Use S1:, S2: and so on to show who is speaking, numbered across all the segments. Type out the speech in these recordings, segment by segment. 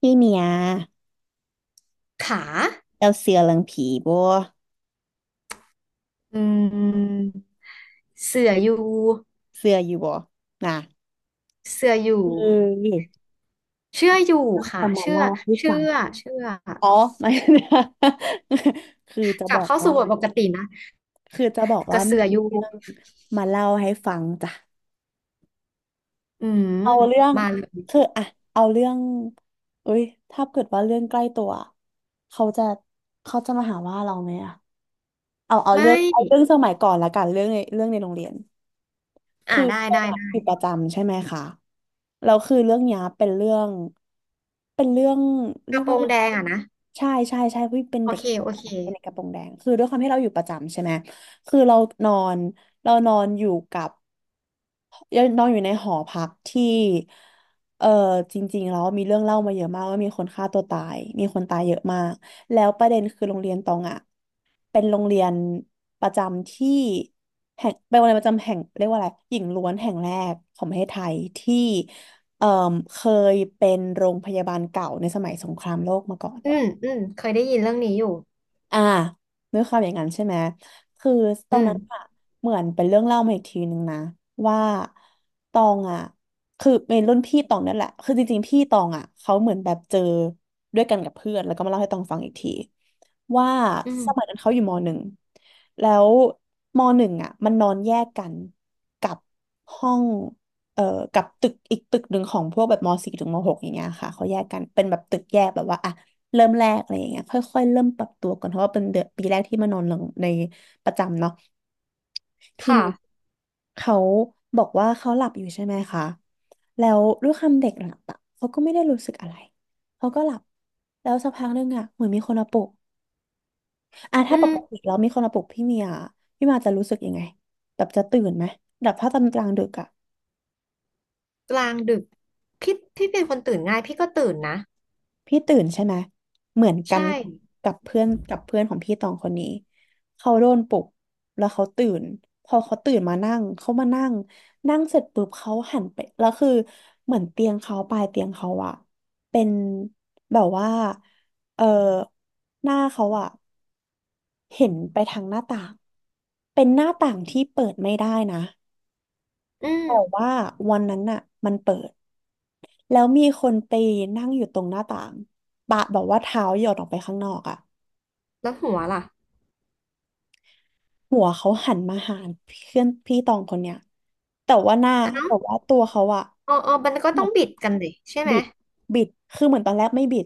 S1: พี่เมีย
S2: ขา
S1: เราเสือเรื่องผีบ่
S2: อืมเสืออยู่
S1: เสืออยู่บ่น่ะ
S2: เสืออยู่
S1: เออ
S2: เชื่ออยู่
S1: ก็จะ
S2: ค่ะ
S1: มา
S2: เชื่อ
S1: เล่าให้
S2: เชื่
S1: ฟัง
S2: อเชื่อ
S1: อ๋อ ไม่ คือจะ
S2: กลั
S1: บ
S2: บ
S1: อก
S2: เข้าสู่
S1: ว่า
S2: บทปกตินะ
S1: คือจะบอก
S2: ก
S1: ว่า
S2: ระ
S1: มี
S2: เสืออยู่
S1: เรื่องมาเล่าให้ฟังจ้ะ
S2: อืม
S1: เอาเรื่อง
S2: มาเลย
S1: คืออ่ะเอาเรื่องเอ้ยถ้าเกิดว่าเรื่องใกล้ตัวเขาจะเขาจะมาหาว่าเราไหมอ่ะเอาเอา
S2: ไม่
S1: เรื่องเอาเรื่องสมัยก่อนละกันเรื่องในโรงเรียน คือ
S2: ได้
S1: ปรง
S2: ได้
S1: วัติอยู่
S2: ได้
S1: ประจำใช่ไหมคะแล้วคือเรื่องเนี้ยเป็นเรื่องเป็นเรื่อง
S2: ก
S1: เรีย
S2: ระ
S1: ก
S2: โปร
S1: ว่า
S2: งแดงอ่ะนะ
S1: ใช่ใช่ใช่พี่เป็น
S2: โอ
S1: เด็ก
S2: เค
S1: กระโปรง
S2: โอ
S1: แด
S2: เค
S1: งเป็นเด็กกระโปรงแดงคือด้วยความที่เราอยู่ประจำใช่ไหมคือเรานอนเรานอนอยู่กับ ยงนอนอยู่ในหอพักที่เออจริงๆแล้วมีเรื่องเล่ามาเยอะมากว่ามีคนฆ่าตัวตายมีคนตายเยอะมากแล้วประเด็นคือโรงเรียนตองอ่ะเป็นโรงเรียนประจำที่แห่งเป็นโรงเรียนประจำแห่งเรียกว่าอะไรหญิงล้วนแห่งแรกของประเทศไทยที่เอ่อเคยเป็นโรงพยาบาลเก่าในสมัยสงครามโลกมาก่อน
S2: อืมอืมเคยได้ยินเรื่องนี้อยู่
S1: อ่าด้วยความอย่างนั้นใช่ไหมคือตอ
S2: อื
S1: นนั้นอะ
S2: ม
S1: เหมือนเป็นเรื่องเล่ามาอีกทีนึงนะว่าตองอะคือเป็นรุ่นพี่ตองนั่นแหละคือจริงๆพี่ตองอะเขาเหมือนแบบเจอด้วยกันกับเพื่อนแล้วก็มาเล่าให้ตองฟังอีกทีว่า
S2: อื
S1: สมัย
S2: ม
S1: นั้นเขาอยู่มหนึ่งแล้วมหนึ่งอะมันนอนแยกกันกับห้องเอ่อกับตึกอีกตึกหนึ่งของพวกแบบมสี่ถึงมหกอย่างเงี้ยค่ะเขาแยกกันเป็นแบบตึกแยกแบบว่าอ่ะ เริ่มแรกอะไรอย่างเงี้ยค่อยๆเริ่มปรับตัวก่อนเพราะว่าเป็นเดือนปีแรกที่มานอนหลังในประจำเนาะทีนี้
S2: ค่ะ
S1: เขาบอกว่าเขาหลับอยู่ใช่ไหมคะแล้วด้วยความเด็กหลับอะเขาก็ไม่ได้รู้สึกอะไรเขาก็หลับแล้วสักพักหนึงอะเหมือนมีคนมาปลุกอ่ะ
S2: อื
S1: ถ้าปกติ
S2: ม
S1: แล้วมีคนมาปลุกพี่เมียพี่มาจะรู้สึกยังไงแบบจะตื่นไหมแบบถ้าตอนกลางดึกอะ
S2: กลางดึก พี่เป็นคนตื่นง่ายพี่ก็ตื่นนะ
S1: พี่ตื่นใช่ไหม เหมือนกั
S2: ใช่
S1: นกับเพื่อนของพี่ตองคนนี้ เขาโดนปลุกแล้วเขาตื่น พอเขาตื่นมานั่งเขามานั่งนั่งเสร็จปุ๊บเขาหันไปแล้วคือเหมือนเตียงเขาปลายเตียงเขาอะเป็นแบบว่าเออหน้าเขาอะเห็นไปทางหน้าต่างเป็นหน้าต่างที่เปิดไม่ได้นะ
S2: อืม
S1: แต่ว่าวันนั้นน่ะมันเปิดแล้วมีคนไปนั่งอยู่ตรงหน้าต่างปะแบอกว่าเท้าหยดออกไปข้างนอกอ่ะ
S2: แล้วหัวล่ะ
S1: หัวเขาหันมาหาเพื่อนพี่ตองคนเนี้ยแต่ว่าหน้าแต่ว่าตัวเขาอ่ะ
S2: อ๋ออ๋อมันก็
S1: เห
S2: ต้
S1: มื
S2: อ
S1: อ
S2: ง
S1: น
S2: บิดกันดิใช่ไหม
S1: บิดบิดคือเหมือนตอนแรกไม่บิด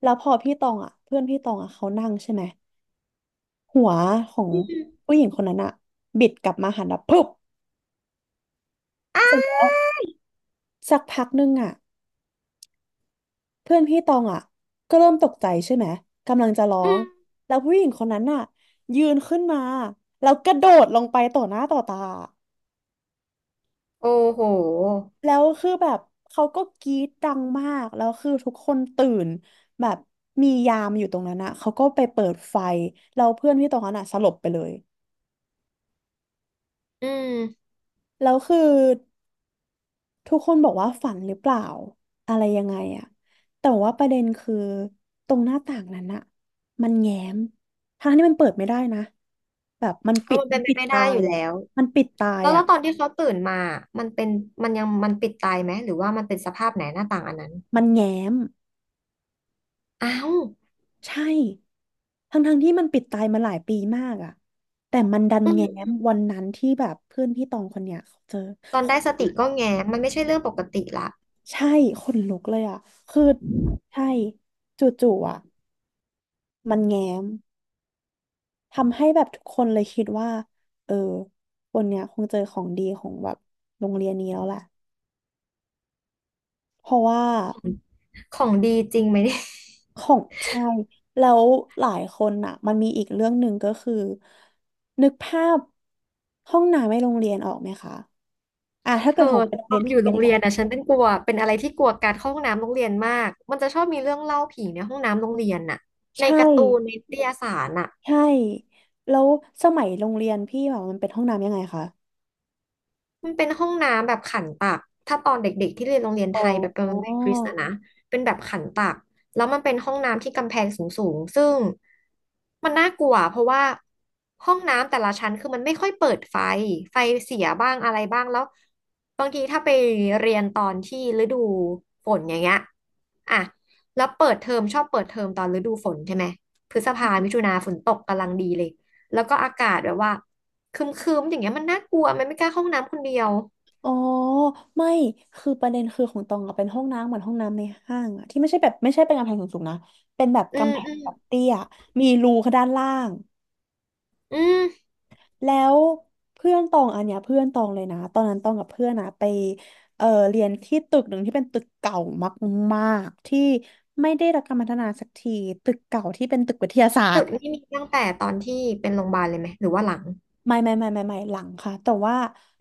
S1: แล้วพอพี่ตองอ่ะเพื่อนพี่ตองอ่ะเขานั่งใช่ไหมหัวของผู้หญิงคนนั้นอ่ะบิดกลับมาหันแบบปุ๊บ
S2: อา
S1: เสร็จแล้วสักพักนึงอ่ะ เพื่อนพี่ตองอ่ะก็เริ่มตกใจใช่ไหมกำลังจะร้อ
S2: อื
S1: ง
S2: ม
S1: แล้วผู้หญิงคนนั้นน่ะยืนขึ้นมาแล้วกระโดดลงไปต่อหน้าต่อตา
S2: โอ้โห
S1: แล้วคือแบบเขาก็กรี๊ดดังมากแล้วคือทุกคนตื่นแบบมียามอยู่ตรงนั้นอ่ะเขาก็ไปเปิดไฟแล้วเพื่อนพี่ตองนั้นอ่ะสลบไปเลย
S2: อืม
S1: แล้วคือ ทุกคนบอกว่าฝันหรือเปล่าอะไรยังไงอะแต่ว่าประเด็นคือตรงหน้าต่างนั้นอะมันแง้มทั้งที่มันเปิดไม่ได้นะแบบมัน
S2: ก็
S1: ปิด
S2: มัน
S1: มั
S2: เป็
S1: น
S2: นไป
S1: ปิด
S2: ไม่ได้
S1: ตา
S2: อ
S1: ย
S2: ยู่แล้
S1: อะ
S2: ว
S1: มันปิดตาย
S2: แล้วแล้
S1: อะ
S2: วตอนที่เขาตื่นมามันเป็นมันยังมันปิดตายไหมหรือว่ามันเป็นสภาพไหนหน้าต่างอันนั้น
S1: มันแง้ม
S2: อ้าว
S1: ใช่ทั้งที่มันปิดตายมาหลายปีมากอะแต่มันดัน
S2: อื
S1: แง้
S2: ม
S1: มวันนั้นที่แบบเพื่อนพี่ตองคนเนี้ยเขาเจอ
S2: ตอนได้สติก็แงมันไม่ใช่เรื่องปกติละ
S1: ใช่ขนลุกเลยอะคือใช่จู่ๆอะมันแง้ม ทำให้แบบทุกคนเลยคิดว่าเออคนเนี้ยคงเจอของดีของแบบโรงเรียนนี้แล้วแหละเพราะว่า
S2: ของดีจริงไหมเนี่ย
S1: ของใช่ แล้วหลายคนอ่ะมันมีอีกเรื่องหนึ่งก็คือนึกภาพห้องน้ำในโรงเรียนออกไหมคะอ่ะถ้า
S2: เธ
S1: เกิ
S2: อ
S1: ดของเป็นโรง
S2: ตอ
S1: เรียน
S2: นอ
S1: พี่
S2: ยู่
S1: เป็
S2: โร
S1: น
S2: ง
S1: ยัง
S2: เรี
S1: ไง
S2: ยนอ่ะฉันเป็นกลัวเป็นอะไรที่กลัวการเข้าห้องน้ำโรงเรียนมากมันจะชอบมีเรื่องเล่าผีในห้องน้ำโรงเรียนน่ะใน
S1: ใช่
S2: การ์ตูนในนิตยสารน่ะ
S1: ใช่แล้วสมัยโรงเรียนพี่แบบมันเป็นห้องน้ำยังไงคะ
S2: มันเป็นห้องน้ำแบบขันตัก ถ้าตอนเด็กๆที่เรียนโรงเรียนไท
S1: อ๋อ
S2: ยแบบเป็นโรงเรียนคริสต์นะนะเป็นแบบขันตัก แล้วมันเป็นห้องน้ำที่กำแพงสูงๆซึ่งมันน่ากลัวเพราะว่าห้องน้ำแต่ละชั้นคือมันไม่ค่อยเปิดไฟ ไฟเสียบ้างอะไรบ้างแล้วบางทีถ้าไปเรียนตอนที่ฤดูฝนอย่างเงี้ยอ่ะแล้วเปิดเทอมชอบเปิดเทอมตอนฤดูฝนใช่ไหมพฤษภามิถุนาฝนตกกำลังดีเลยแล้วก็อากาศแบบว่า คึมคึมอย่างเงี้ยมันน่ากลัวมันไม่กล้าเข้าห้องน้ำคนเดียว
S1: อ๋อไม่คือประเด็นคือของตองอะเป็นห้องน้ำเหมือนห้องน้ำในห้างอะที่ไม่ใช่แบบไม่ใช่เป็นกำแพงสูงๆนะเป็นแบบ
S2: อืม
S1: กำแพ
S2: อื
S1: ง
S2: ม
S1: แบบเตี้ยมีรูข้างด้านล่าง
S2: อืม
S1: แล้วเพื่อนตองอันเนี้ยเพื่อนตองเลยนะตอนนั้นตองกับเพื่อนอะไปเรียนที่ตึกหนึ่งที่เป็นตึกเก่ามากๆที่ไม่ได้รับการพัฒนาสักทีตึกเก่าที่เป็นตึกวิทยาศาส
S2: ตึ
S1: ต
S2: ก
S1: ร์
S2: นี่มีตั้งแต่ตอนที่เป็นโรงพยาบาลเลยไหมหรือว่าหลัง
S1: ไม่หลังค่ะแต่ว่า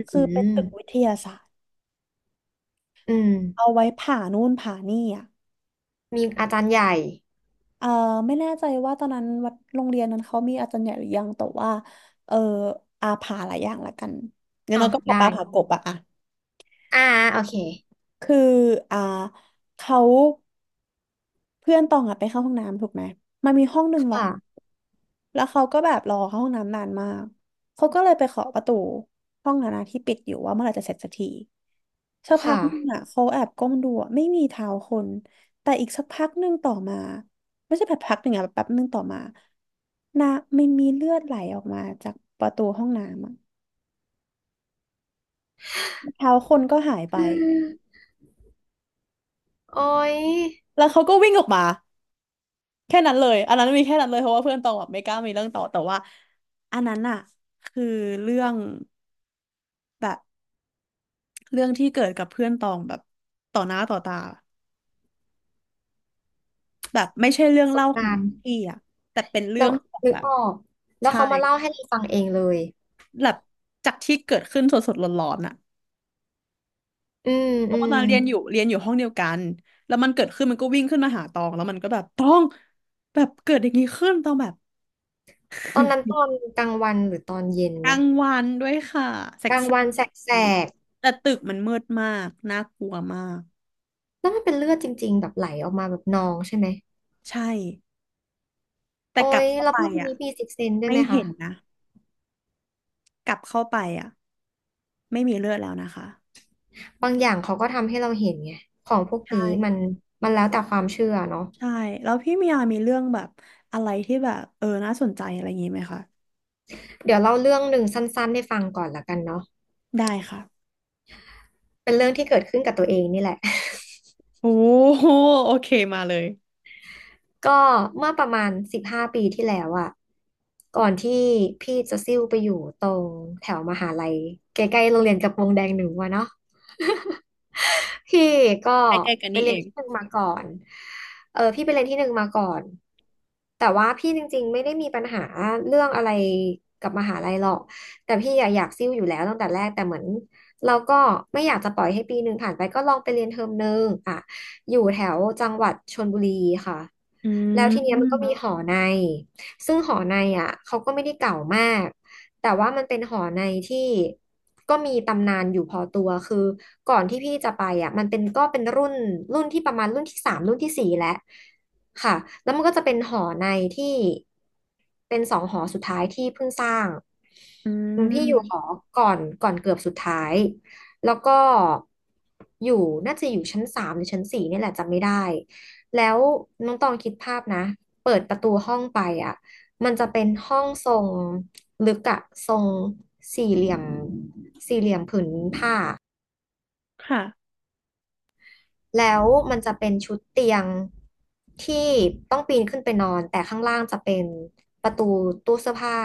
S1: คือ
S2: อื
S1: เป็น
S2: ม
S1: ตึกวิทยาศาสตร์
S2: อืม
S1: เอาไว้ผ่านู่นผ่านี่อะ
S2: มีอาจารย์ใหญ่
S1: เออไม่แน่ใจว่าตอนนั้นวัดโรงเรียนนั้นเขามีอาจารย์ใหญ่หรือยัง แต่ว่าเอออาผาหลายอย่างละกันงั้น
S2: อ๋อ
S1: เราก็ปลา
S2: ได้
S1: ปลาผากบอะอะ
S2: อ่าโอเค
S1: คืออ่าเขา เพื่อนตองอะไปเข้าห้องน้ำถูกไหมมันมีห้องหนึ่งล็อก
S2: ค่ะ
S1: แล้วเขาก็แบบรอเข้าห้องน้ำนานมาก เขาก็เลยไปเคาะประตูห้องนั้นอะที่ปิดอยู่ว่าเมื่อไหร่จะเสร็จสักทีสักพั
S2: ค่ะ
S1: กหนึงอะเขาแอบก้มดูอะไม่มีเท้าคนแต่อีกสักพักหนึ่งต่อมาไม่ใช่แบบพักหนึ่งอะแบบแป๊บหนึ่งต่อมานะมันมีเลือดไหลออกมาจากประตูห้องน้ำอะเท้าคนก็หายไป
S2: อืมโอ้ย
S1: แล้วเขาก็วิ่งออกมา แค่นั้นเลยอันนั้นมีแค่นั้นเลยเพราะว่าเพื่อนตองแบบไม่กล้ามีเรื่องต่อ แต่ว่าอันนั้นอะคือเรื่องแบบเรื่องที่เกิดกับเพื่อนตองแบบต่อหน้าต่อตาแบบไม่ใช่เรื่
S2: ป
S1: อง
S2: ระสบ
S1: เล่าขอ
S2: กา
S1: ง
S2: รณ์
S1: พี่อะแต่เป็นเรื่
S2: เรา
S1: องของ
S2: นึก
S1: แบบ
S2: ออกแล้ว
S1: ใช่
S2: เขามาเล่าให้เราฟังเองเลย
S1: แบบจากที่เกิดขึ้นสดๆร้อนๆอะ
S2: อืม
S1: ต
S2: อื
S1: อน
S2: ม
S1: นั้นเรียนอยู่เรียนอยู่ห้องเดียวกันแล้วมันเกิดขึ้นมันก็วิ่งขึ้นมาหาตองแล้วมันก็แบบตองแบบเกิดอย่างนี้ขึ้นตองแบบ
S2: ตอนนั้นตอนกลางวันหรือตอนเย็น
S1: กลา
S2: เนี่ย
S1: งวันด้วยค่ะแส
S2: กลางวั
S1: ก
S2: นแสก
S1: ๆแต่ตึกมันมืดมากน่ากลัวมาก
S2: ๆแล้วมันเป็นเลือดจริงๆแบบไหลออกมาแบบนองใช่ไหม
S1: ใช่แต่
S2: โอ้
S1: กลั
S2: ย
S1: บเข้า
S2: แล้ว
S1: ไป
S2: พวกนคน
S1: อ่ะ
S2: นี้มีซิกเซนด้วย
S1: ไม่
S2: ไหมคะ
S1: เห็นนะกลับเข้าไปอ่ะไม่มีเลือดแล้วนะคะ
S2: บางอย่างเขาก็ทำให้เราเห็นไงของพวก
S1: ใช
S2: นี้มัน
S1: ่
S2: มันแล้วแต่ความเชื่อเนาะ
S1: ใช่แล้วพี่มียามีเรื่องแบบอะไรที่แบบน่าสนใจอะไรอย่างงี้ไหมคะ
S2: เดี๋ยวเล่าเรื่องหนึ่งสั้นๆให้ฟังก่อนละกันเนาะ
S1: ได้ค่ะ
S2: เป็นเรื่องที่เกิดขึ้นกับตัวเองนี่แหละ
S1: โอ้โหโอเคมาเลย
S2: ก็เมื่อประมาณ15 ปีที่แล้วอะก่อนที่พี่จะซิ่วไปอยู่ตรงแถวมหาลัยใกล้ๆโรงเรียนกระโปรงแดงหนึ่งวะเนาะ พี่ก็
S1: ใกล้ๆกัน
S2: ไป
S1: นี่
S2: เรี
S1: เอ
S2: ยน
S1: ง
S2: ที่หนึ่งมาก่อนเออพี่ไปเรียนที่หนึ่งมาก่อน แต่ว่าพี่จริงๆไม่ได้มีปัญหาเรื่องอะไรกับมหาลัยหรอก แต่พี่อะอยากซิ่วอยู่แล้วตั้งแต่แรก แต่เหมือนเราก็ไม่อยากจะปล่อยให้ปีหนึ่งผ่านไปก็ลองไปเรียนเทอมหนึ่งอ่ะอยู่แถวจังหวัดชลบุรีค่ะ
S1: อื
S2: แล้วทีเนี้ยมันก็มี
S1: ม
S2: หอใน ซึ่งหอในอ่ะเขาก็ไม่ได้เก่ามาก แต่ว่ามันเป็นหอในที่ก็มีตำนานอยู่พอตัวคือก่อนที่พี่จะไปอ่ะมันเป็นก็เป็นรุ่นที่ประมาณรุ่นที่สามรุ่นที่สี่แล้วค่ะแล้วมันก็จะเป็นหอในที่เป็นสองหอสุดท้ายที่เพิ่งสร้าง
S1: อื
S2: อืมพี่อยู่หอ
S1: ม
S2: ก่อนเกือบสุดท้ายแล้วก็อยู่น่าจะอยู่ชั้นสามหรือชั้นสี่นี่แหละจำไม่ได้แล้วน้องตองคิดภาพนะเปิดประตูห้องไปอ่ะมันจะเป็นห้องทรง ลึกอะทรงสี่เหลี่ยมสี่เหลี่ยมผืนผ้า
S1: ค่ะ
S2: แล้วมันจะเป็นชุดเตียงที่ต้องปีนขึ้นไปนอนแต่ข้างล่างจะเป็นประตูตู้เสื้อผ้า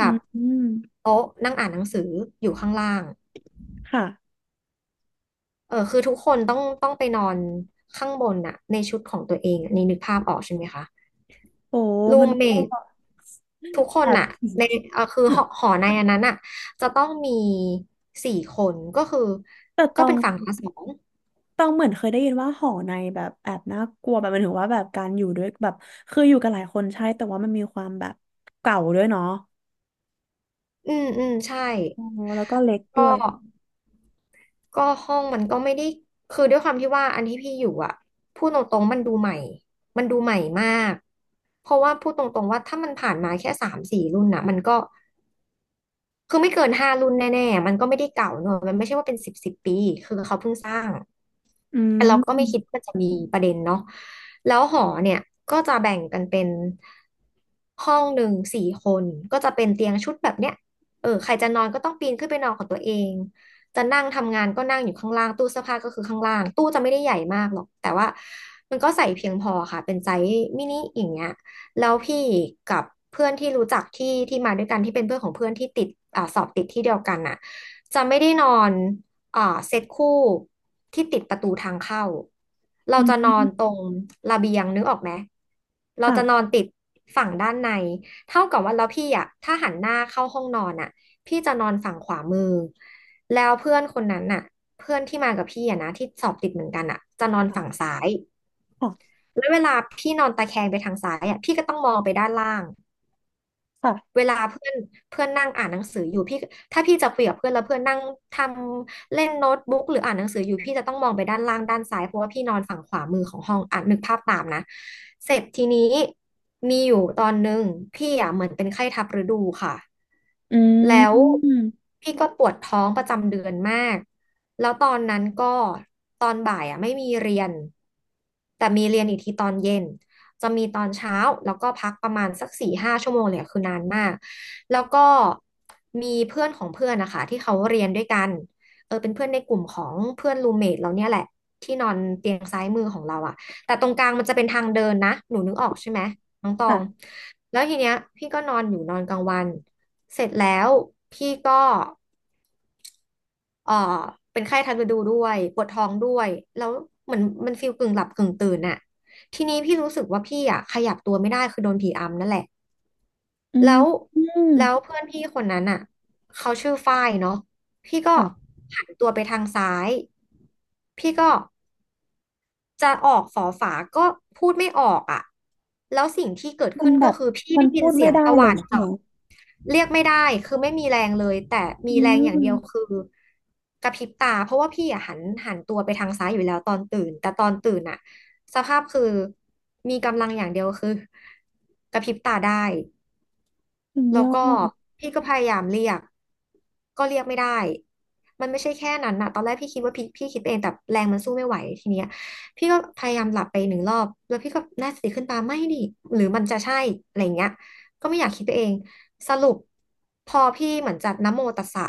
S1: อื
S2: ับ
S1: ม
S2: โต๊ะนั่งอ่านหนังสืออยู่ข้างล่าง
S1: ค่ะ
S2: เออคือทุกคนต้องไปนอนข้างบนน่ะในชุดของตัวเองอะนี่นึกภาพออกใช่ไหมคะ
S1: โอ้
S2: รู
S1: มัน
S2: มเม
S1: ก็
S2: ท
S1: แบบ
S2: ทุกคนอะในเออคือหอในอันนั้นอะจะต้องมีสี่คนก็คือ
S1: แต่ต
S2: ก็
S1: อ
S2: เป็
S1: ง
S2: นฝั่งละสอง
S1: ตองเหมือนเคยได้ยินว่าหอในแบบแอบน่ากลัวแบบหมันถึงว่าแบบการอยู่ด้วยแบบคืออยู่กันหลายคนใช่แต่ว่ามันมีความแบบเก่าด้วยเนาะ
S2: อืมอืมใช่
S1: อ๋อแล้วก็เล็กด้
S2: ก็
S1: วย
S2: ก็ห้องมันก็ไม่ได้คือด้วยความที่ว่าอันที่พี่อยู่อะพูดตรงๆมันดูใหม่มันดูใหม่มากเพราะว่าพูดตรงๆว่าถ้ามันผ่านมาแค่สามสี่รุ่นนะมันก็คือไม่เกินห้ารุ่นแน่ๆมันก็ไม่ได้เก่าเนอะมันไม่ใช่ว่าเป็นสิบสิบปีคือเขาเพิ่งสร้าง
S1: อื
S2: แต่เราก็ไม่คิด
S1: ม
S2: ว่าจะมีประเด็นเนาะแล้วหอเนี่ยก็จะแบ่งกันเป็นห้องหนึ่งสี่คน ก็จะเป็นเตียงชุดแบบเนี้ยเออใครจะนอนก็ต้องปีนขึ้นไปนอนของตัวเองจะนั่งทำงานก็นั่งอยู่ข้างล่างตู้เสื้อผ้าก็คือข้างล่าง ตู้จะไม่ได้ใหญ่มากหรอกแต่ว่ามันก็ใส่เพียงพอค่ะเป็นไซส์มินิอย่างเงี้ยแล้วพี่กับเพื่อนที่รู้จักที่มาด้วยกันที่เป็นเพื่อนของเพื่อนที่ติดสอบติดที่เดียวกันน่ะจะไม่ได้นอน อ่าเซตคู่ที่ติดประตูทางเข้าเรา
S1: อื
S2: จะนอน
S1: ม
S2: ตรงระเบียงนึกออกไหมเรา
S1: ค่ะ
S2: จะนอนติดฝั่งด้านในเท่ากับว่าแล้วพี่อ่ะถ้าหันหน้าเข้าห้องนอนอ่ะพี่จะนอนฝั่งขวามือแล้วเพื่อนคนนั้นน่ะเพื่อนที่มากับพี่อ่ะนะที่สอบติดเหมือนกันอ่ะจะนอนฝั่ง
S1: ค่ะ
S2: ซ้าย
S1: ค่ะ
S2: แล้วเวลาพี่นอนตะแคงไปทางซ้ายอ่ะพี่ก็ต้องมองไปด้านล่าง
S1: ค่ะ
S2: เวลาเพื่อนเพื่อนนั่งอ่านหนังสืออยู่พี่ถ้าพี่จะคุยกับเพื่อนแล้วเพื่อนนั่งทำเล่นโน้ตบุ๊กหรืออ่านหนังสืออยู่พี่จะต้องมองไปด้านล่างด้านซ้ายเพราะว่าพี่นอนฝั่งขวามือของห้องอ่านนึกภาพตามนะเสร็จทีนี้มีอยู่ตอนหนึ่งพี่อ่ะเหมือนเป็นไข้ทับฤดูค่ะ
S1: อื
S2: แล้ว
S1: ม
S2: พี่ก็ปวดท้องประจำเดือนมากแล้วตอนนั้นก็ตอนบ่ายอ่ะไม่มีเรียนแต่มีเรียนอีกทีตอนเย็น จะมีตอนเช้าแล้วก็พักประมาณสักสี่ห้าชั่วโมงเลยอะคือนานมากแล้วก็มีเพื่อนของเพื่อนนะคะที่เขาเรียนด้วยกันเออเป็นเพื่อนในกลุ่มของเพื่อนรูเมทเราเนี่ยแหละที่นอนเตียงซ้ายมือของเราอะแต่ตรงกลางมันจะเป็นทางเดินนะหนูนึกออกใช่ไหมน้องตอง
S1: ค่ะ
S2: แล้วทีเนี้ยพี่ก็นอนอยู่นอนกลางวันเสร็จแล้วพี่ก็ เอ่อเป็นไข้ทันฤดูด้วยปวดท้องด้วยแล้วเหมือนมันฟีลกึ่งหลับกึ่งตื่นน่ะทีนี้พี่รู้สึกว่าพี่อ่ะขยับตัวไม่ได้คือโดนผีอำนั่นแหละ
S1: อื
S2: แล้
S1: ม
S2: ว
S1: อืม
S2: แล้วเพื่อนพี่คนนั้นอ่ะเขาชื่อฝ้ายเนาะพี่ก็
S1: ค่ะ
S2: หันตัวไปทางซ้ายพี่ก็จะออกฝอฝาก็พูดไม่ออกอ่ะแล้วสิ่งที่เกิด
S1: มัน
S2: ขึ้น
S1: แบ
S2: ก็
S1: บ
S2: คือพี่
S1: มัน
S2: ได้ยิ
S1: พู
S2: น
S1: ด
S2: เสี
S1: ไม่
S2: ยง
S1: ได้
S2: ตะห
S1: เล
S2: ว่า
S1: ย
S2: น
S1: ใช่ไหม
S2: เจาะ เรียกไม่ได้คือไม่มีแรงเลยแต่มี
S1: อื
S2: แรงอย่างเดียวคื
S1: ม
S2: อกระพริบตาเพราะว่าพี่อะหันตัวไปทางซ้ายอยู่แล้วตอนตื่นแต่ตอนตื่นอะสภาพคือมีกำลังอย่างเดียวคือกระพริบตาได้
S1: สุด
S2: แล้
S1: ย
S2: ว
S1: อ
S2: ก็
S1: ด
S2: พี่ก็พยายามเรียกก็เรียกไม่ได้มันไม่ใช่แค่นั้นนะตอนแรกพี่คิดว่าพี่คิดเองแต่แรงมันสู้ไม่ไหวทีเนี้ยพี่ก็พยายามหลับไปหนึ่งรอบแล้วพี่ก็น่าสติขึ้นปาไม่ดิหรือมันจะใช่อะไรอย่างเงี้ยก็ไม่อยากคิดไปเองสรุปพอพี่เหมือนจัดนะโมตัสสะ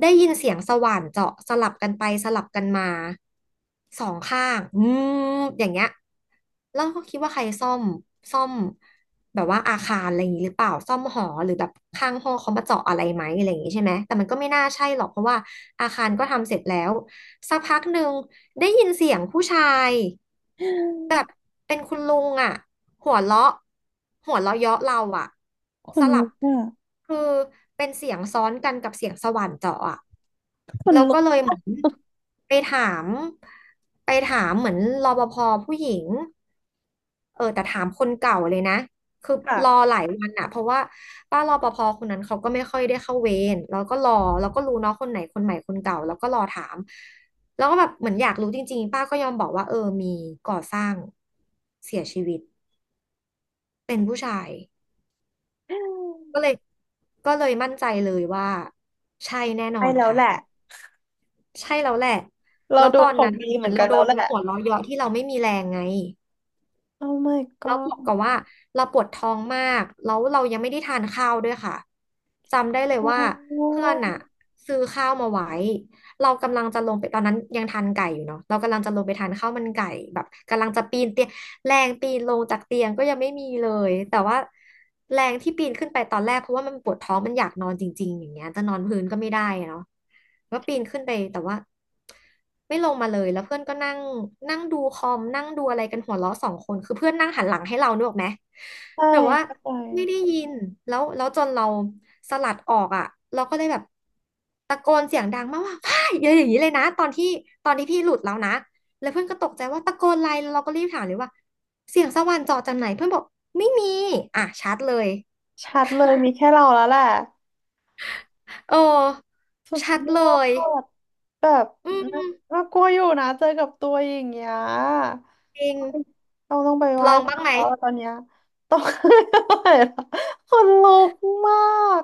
S2: ได้ยินเสียงสว่านเจาะสลับกันไปสลับกันมาสองข้างอืมอย่างเงี้ย แล้วก็คิดว่าใครซ่อมแบบว่าอาคารอะไรอย่างนี้หรือเปล่าซ่อมหอหรือแบบข้างห้องเขามาเจาะอะไรไหมอะไรอย่างนี้ใช่ไหมแต่มันก็ไม่น่าใช่หรอกเพราะว่าอาคารก็ทำเสร็จแล้วสักพักหนึ่งได้ยินเสียงผู้ชายแบบ เป็นคุณลุงอ่ะหัวเราะหัวเราะเยาะเราอ่ะ
S1: ค
S2: ส
S1: น
S2: ลั
S1: ลุ
S2: บ
S1: กอ่ะ
S2: คือเป็นเสียงซ้อนกันกับเสียงสว่านเจาะอ่ะ
S1: คน
S2: แล้ว
S1: ลุ
S2: ก็
S1: ก
S2: เลยเหมือนไปถามไปถามเหมือนรปภผู้หญิงเออแต่ถามคนเก่าเลยนะคือ
S1: ค่ะ
S2: รอหลายวันอะเพราะว่าป้ารปภคนนั้นเขาก็ไม่ค่อยได้เข้าเวรแล้วก็รอแล้วก็รู้เนาะคนไหนคนใหม่คนเก่าแล้วก็รอถามแล้วก็แบบเหมือนอยากรู้จริงๆป้าก็ยอมบอกว่าเออมีก่อสร้างเสียชีวิตเป็นผู้ชายก็เลยก็เลยมั่นใจเลยว่าใช่แน่นอ
S1: ใช่
S2: น
S1: แล้ว
S2: ค่ะ
S1: แหละ
S2: ใช่แล้วแหละ
S1: เรา
S2: แล้ว
S1: โด
S2: ตอ
S1: น
S2: น
S1: ขอ
S2: นั้
S1: ง
S2: นเ
S1: ดี
S2: ห
S1: เหมื
S2: มือ
S1: อ
S2: น
S1: นกั
S2: เรา
S1: น
S2: โด
S1: แล้ว
S2: น
S1: แหละ
S2: หัวเราะเยาะที่เราไม่มีแรงไง
S1: โอ้ my
S2: แล้วบ
S1: god
S2: วกกับว่าเราปวดท้องมาก แล้วเรายังไม่ได้ทานข้าวด้วยค่ะ จำได้เลย
S1: โอ
S2: ว่า
S1: ้
S2: เพื่อนอะซื้อข้าวมาไว้ เรากำลังจะลงไปตอนนั้นยังทานไก่อยู่เนาะเรากำลังจะลงไปทานข้าวมันไก่แบบกำลังจะปีนเตียงแรงปีนลงจากเตียงก็ยังไม่มีเลย แต่ว่าแรงที่ปีนขึ้นไปตอนแรกเพราะว่ามันปวดท้องมันอยากนอนจริงๆอย่างเงี้ยจะนอนพื้นก็ไม่ได้อะเนาะก็ปีนขึ้นไปแต่ว่า ไม่ลงมาเลยแล้วเพื่อนก็นั่งนั่งดูคอมนั่งดูอะไรกันหัวเราะสองคนคือเพื่อนนั่งหันหลังให้เรานึกออกไหม
S1: ใช่
S2: แบบว่า
S1: เข้าใจ
S2: ไม่ได้ยินแล้วจนเราสลัดออกอ่ะเราก็เลยแบบตะโกนเสียงดังมากว่าพ่ายอย่างนี้เลยนะตอนที่ตอนที่พี่หลุดแล้วนะแล้วเพื่อนก็ตกใจว่าตะโกนอะไรแล้วเราก็รีบถามเลยว่าเสียงสวรรค์เจาะจากไหนเพื่อนบอกไม่มีอ่ะชัดเลย
S1: ชัดเลยมีแค่เราแล้วแหละ
S2: เออ
S1: สุด
S2: ชัด
S1: ยอ
S2: เลย
S1: ดแบบ
S2: อื
S1: น่า
S2: ม
S1: น่ากลัวอยู่นะเจอกับตัวอย่างเงี้ย
S2: จริง
S1: เราต้องไปไห
S2: ล
S1: ว้
S2: อง
S1: พ
S2: บ้าง
S1: ระ
S2: ไหม
S1: แล้วตอนเนี้ยต้อง อะไรล่ะคนลุกมาก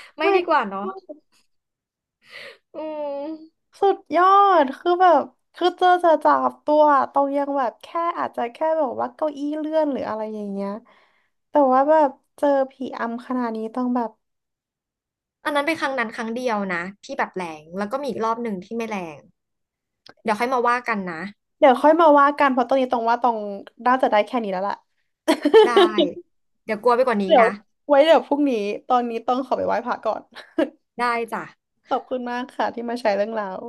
S1: Oh
S2: ไม่ดี
S1: my
S2: กว่าเนาะ
S1: god
S2: อืม
S1: สุดยอดคือแบบ คือเจอจะจับตัวตรงยังแบบแค่อาจจะแค่แบบว่าเก้าอี้เลื่อนหรืออะไรอย่างเงี้ยแต่ว่าแบบเจอผีอำขนาดนี้ต้องแบบ
S2: อันนั้นเป็นครั้งนั้นครั้งเดียวนะที่แบบแรงแล้วก็มีอีกรอบหนึ่งที่ไม่แรงเดี๋ยวค่อยมาว่ากันนะ
S1: เดี๋ยวค่อยมาว่ากันเพราะตอนนี้ตรงว่าตรงน่าจะได้แค่นี้แล้วล่ะ
S2: ได้ เดี๋ยวกลัวไปกว่านี้
S1: เดี๋ยว
S2: นะ
S1: ไว้เดี๋ยวพรุ่งนี้ตอนนี้ต้องขอไปไหว้พระก่อน
S2: ได้จ้ะ
S1: ขอบคุณมากค่ะที่มาแชร์เรื่องราว